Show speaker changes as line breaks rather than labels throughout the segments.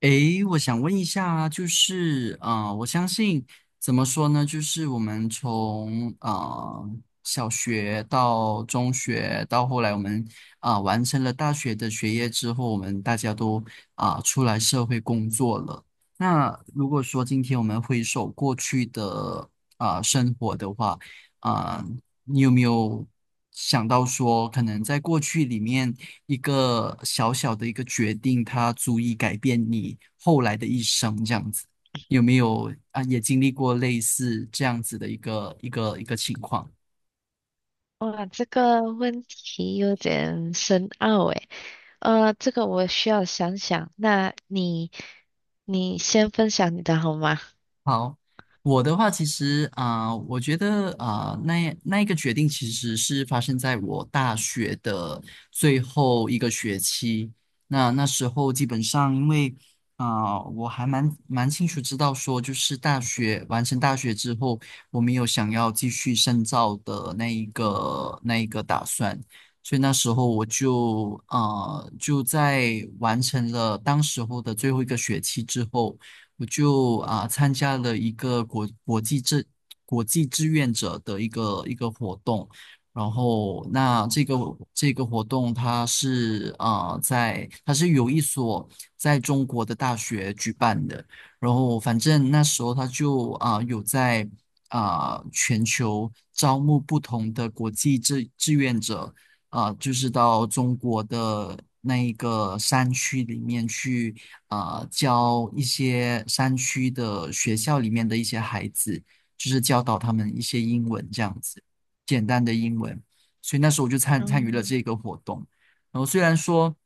诶，我想问一下，就是我相信怎么说呢？就是我们从小学到中学，到后来我们完成了大学的学业之后，我们大家都出来社会工作了。那如果说今天我们回首过去的生活的话，啊、你有没有想到说，可能在过去里面一个小小的一个决定，它足以改变你后来的一生，这样子？有没有啊？也经历过类似这样子的一个情况？
哇，这个问题有点深奥诶，这个我需要想想。那你先分享你的好吗？
好，我的话其实我觉得那一个决定其实是发生在我大学的最后一个学期。那时候基本上因为我还蛮清楚知道说，就是大学完成大学之后，我没有想要继续深造的那一个打算。所以那时候我就就在完成了当时候的最后一个学期之后。我就参加了一个国际志愿者的一个活动，然后那这个活动它是在它是有一所在中国的大学举办的，然后反正那时候他就有在全球招募不同的国际志愿者。就是到中国的那一个山区里面去教一些山区的学校里面的一些孩子，就是教导他们一些英文这样子，简单的英文。所以那时候我就参与了
嗯。
这个活动。然后虽然说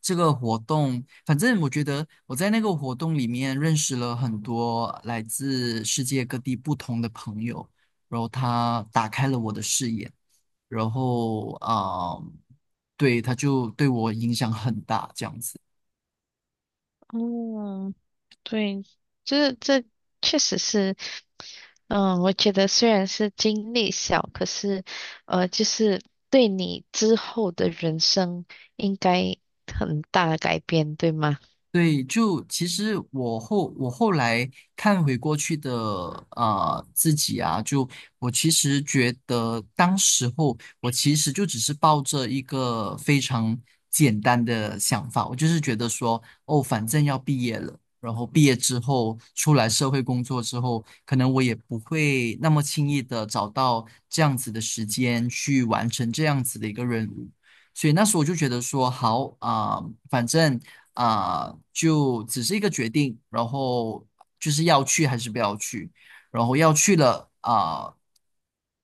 这个活动，反正我觉得我在那个活动里面认识了很多来自世界各地不同的朋友，然后他打开了我的视野，然后对，他就对我影响很大，这样子。
哦，对，这确实是。嗯，我觉得虽然是经历小，可是，呃，就是对你之后的人生应该很大的改变，对吗？
对，就其实我后来看回过去的自己啊，就我其实觉得当时候我其实就只是抱着一个非常简单的想法，我就是觉得说，哦，反正要毕业了，然后毕业之后出来社会工作之后，可能我也不会那么轻易的找到这样子的时间去完成这样子的一个任务。所以那时候我就觉得说，好啊、反正就只是一个决定，然后就是要去还是不要去，然后要去了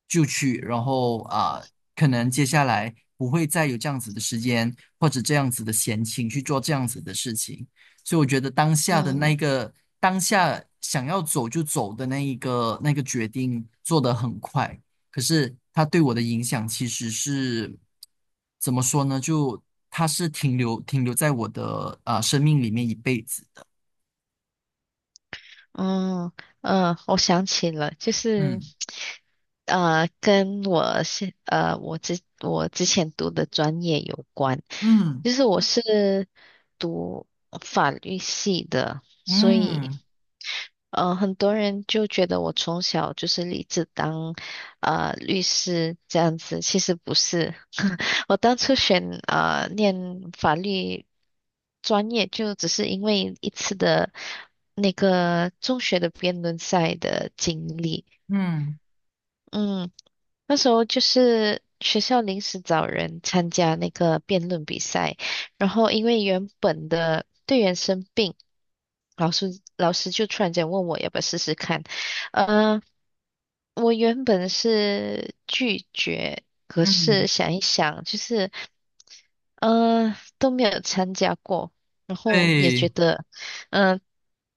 就去，然后可能接下来不会再有这样子的时间或者这样子的闲情去做这样子的事情，所以我觉得当下的
嗯。
当下想要走就走的那个决定做得很快。可是它对我的影响其实是怎么说呢？就它是停留在我的生命里面一辈子的。
嗯嗯，我想起了，就是，
嗯
呃，跟我之前读的专业有关，
嗯
就是我是读法律系的，所以
嗯
嗯，很多人就觉得我从小就是立志当律师这样子，其实不是。我当初念法律专业，就只是因为一次的那个中学的辩论赛的经历。
嗯
嗯，那时候就是学校临时找人参加那个辩论比赛，然后因为原本的队员生病，老师就突然间问我要不要试试看。嗯，我原本是拒绝，可是
嗯，
想一想，就是嗯都没有参加过，然后也
对，
觉得，嗯、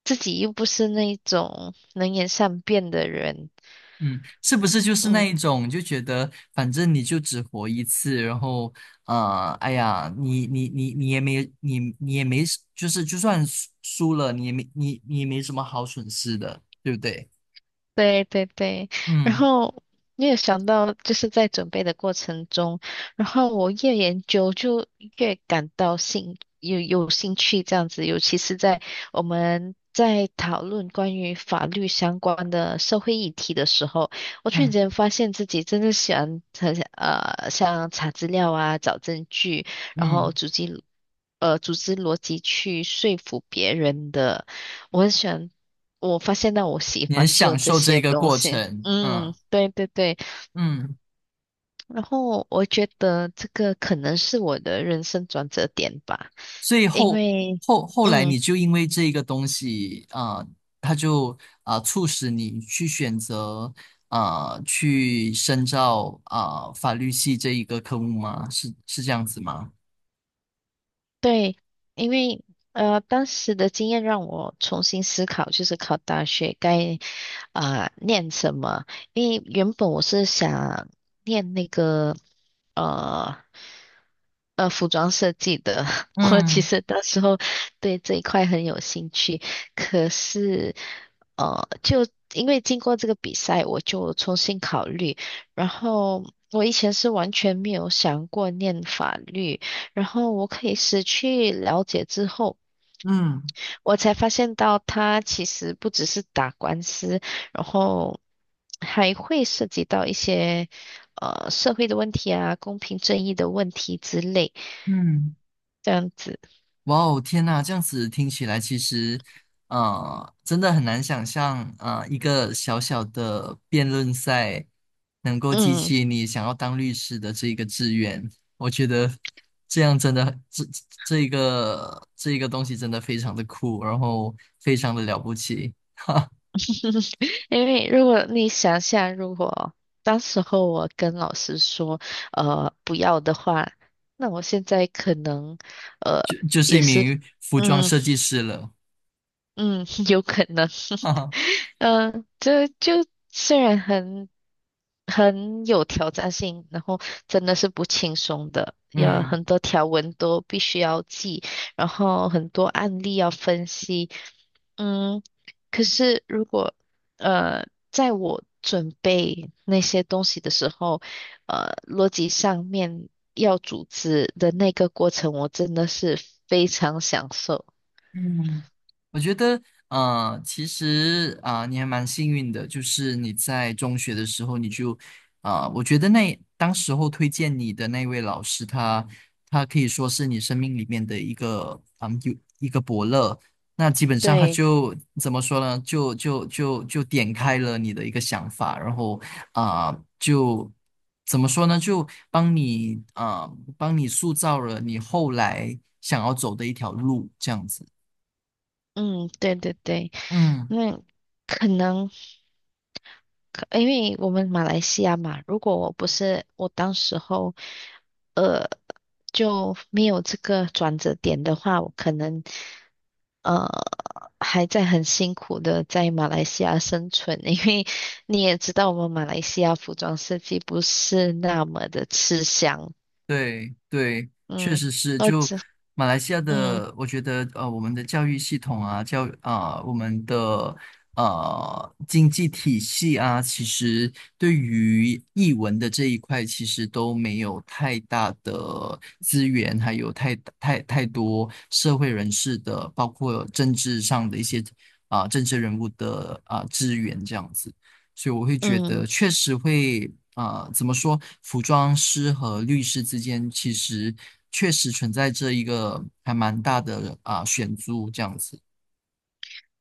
自己又不是那种能言善辩的人。
嗯，是不是就是那
嗯。
一种就觉得反正你就只活一次，然后哎呀，你你你你也没你你也没就是就算输了，你也没什么好损失的，对不对？
对对对，然
嗯
后你也想到，就是在准备的过程中，然后我越研究就越感到有兴趣这样子，尤其是在我们在讨论关于法律相关的社会议题的时候，我突然
嗯
间发现自己真的喜欢很想像查资料啊、找证据，然后
嗯
组织逻辑去说服别人的。我很喜欢，我发现到我喜
你很
欢做
享
这
受这
些
个
东
过
西。
程，
嗯，
嗯
对对对。
嗯，
然后我觉得这个可能是我的人生转折点吧，
所以
因
后
为，
后后来
嗯。
你就因为这一个东西啊，它就促使你去选择去深造法律系这一个科目吗？是这样子吗？
对，因为当时的经验让我重新思考，就是考大学该念什么。因为原本我是想念那个呃服装设计的，我其
嗯
实到时候对这一块很有兴趣。可是呃，就因为经过这个比赛，我就重新考虑，然后。我以前是完全没有想过念法律，然后我可以失去了解之后，
嗯
我才发现到他其实不只是打官司，然后还会涉及到一些社会的问题啊、公平正义的问题之类，
嗯。
这样子。
哇哦，天呐，这样子听起来其实，真的很难想象，一个小小的辩论赛能够激
嗯，
起你想要当律师的这一个志愿。我觉得这样真的，这一个东西真的非常的酷，然后非常的了不起，
因为如果你想想，如果当时候我跟老师说不要的话，那我现在可能呃
就是一
也是
名服装
嗯
设计师了，
嗯 有可能。
哈哈，
这就虽然很有挑战性，然后真的是不轻松的，要
嗯。
很多条文都必须要记，然后很多案例要分析。嗯，可是如果在我准备那些东西的时候，呃，逻辑上面要组织的那个过程，我真的是非常享受。
嗯，我觉得，其实你还蛮幸运的，就是你在中学的时候，你就，我觉得那当时候推荐你的那位老师他，他可以说是你生命里面的一个，嗯，有一个伯乐。那基本上他
对。
就怎么说呢？就点开了你的一个想法，然后啊、就怎么说呢？就帮你塑造了你后来想要走的一条路，这样子。
嗯，对对对。
嗯，
那可能。可因为我们马来西亚嘛，如果我不是我当时候，呃，就没有这个转折点的话，我可能呃还在很辛苦的在马来西亚生存，因为你也知道我们马来西亚服装设计不是那么的吃香。
对对，确
嗯，
实是。
我
就
只
马来西亚
嗯
的，我觉得我们的教育系统啊，我们的经济体系啊，其实对于译文的这一块，其实都没有太大的资源，还有太多社会人士的，包括政治上的一些政治人物的资源这样子。所以我会觉得
嗯
确实会，怎么说，服装师和律师之间其实确实存在着一个还蛮大的选租这样子，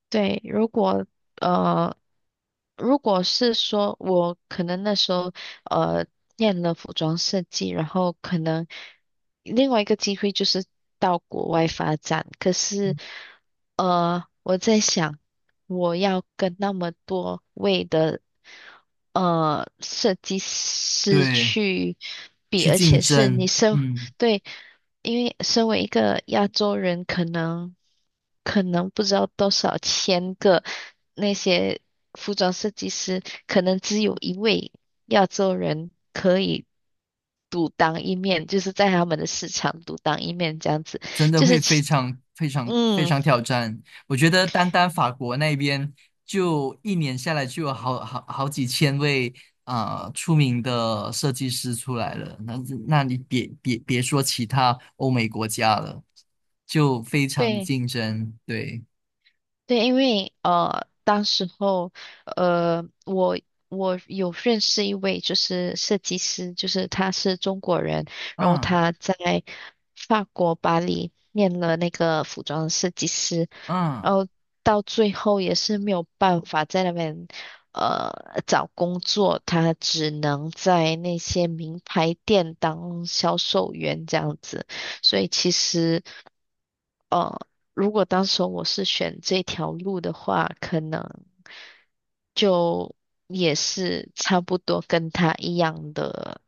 对。如果。呃。如果是说我可能那时候呃念了服装设计，然后可能另外一个机会就是到国外发展，可是我在想我要跟那么多位的设计师
对，
去比，
去
而
竞
且是你
争，
身，
嗯。
对，因为身为一个亚洲人，可能。可能不知道多少千个那些服装设计师，可能只有一位亚洲人可以独当一面，就是在他们的市场独当一面这样子，
真的
就是
会非
其
常非常非
嗯。
常挑战。我觉得单单法国那边就一年下来就有好几千位出名的设计师出来了，那你别说其他欧美国家了，就非常的
对。
竞争。对，
对，因为当时候呃，我有认识一位就是设计师，就是他是中国人，然后
嗯
他在法国巴黎念了那个服装设计师，然
嗯。
后到最后也是没有办法在那边找工作，他只能在那些名牌店当销售员这样子，所以其实。呃，如果当时我是选这条路的话，可能就也是差不多跟他一样的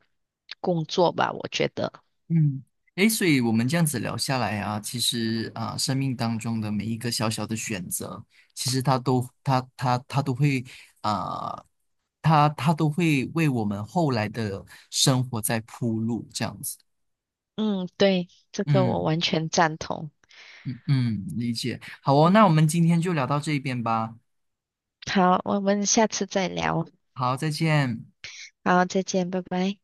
工作吧，我觉得。
嗯，诶，所以我们这样子聊下来啊，其实啊，生命当中的每一个小小的选择，其实它都会啊，它都会为我们后来的生活在铺路，这样子。
嗯，对，这个我
嗯
完全赞同。
嗯，理解。好哦，
嗯，
那我们今天就聊到这边吧。
好，我们下次再聊。
好，再见。
好，再见，拜拜。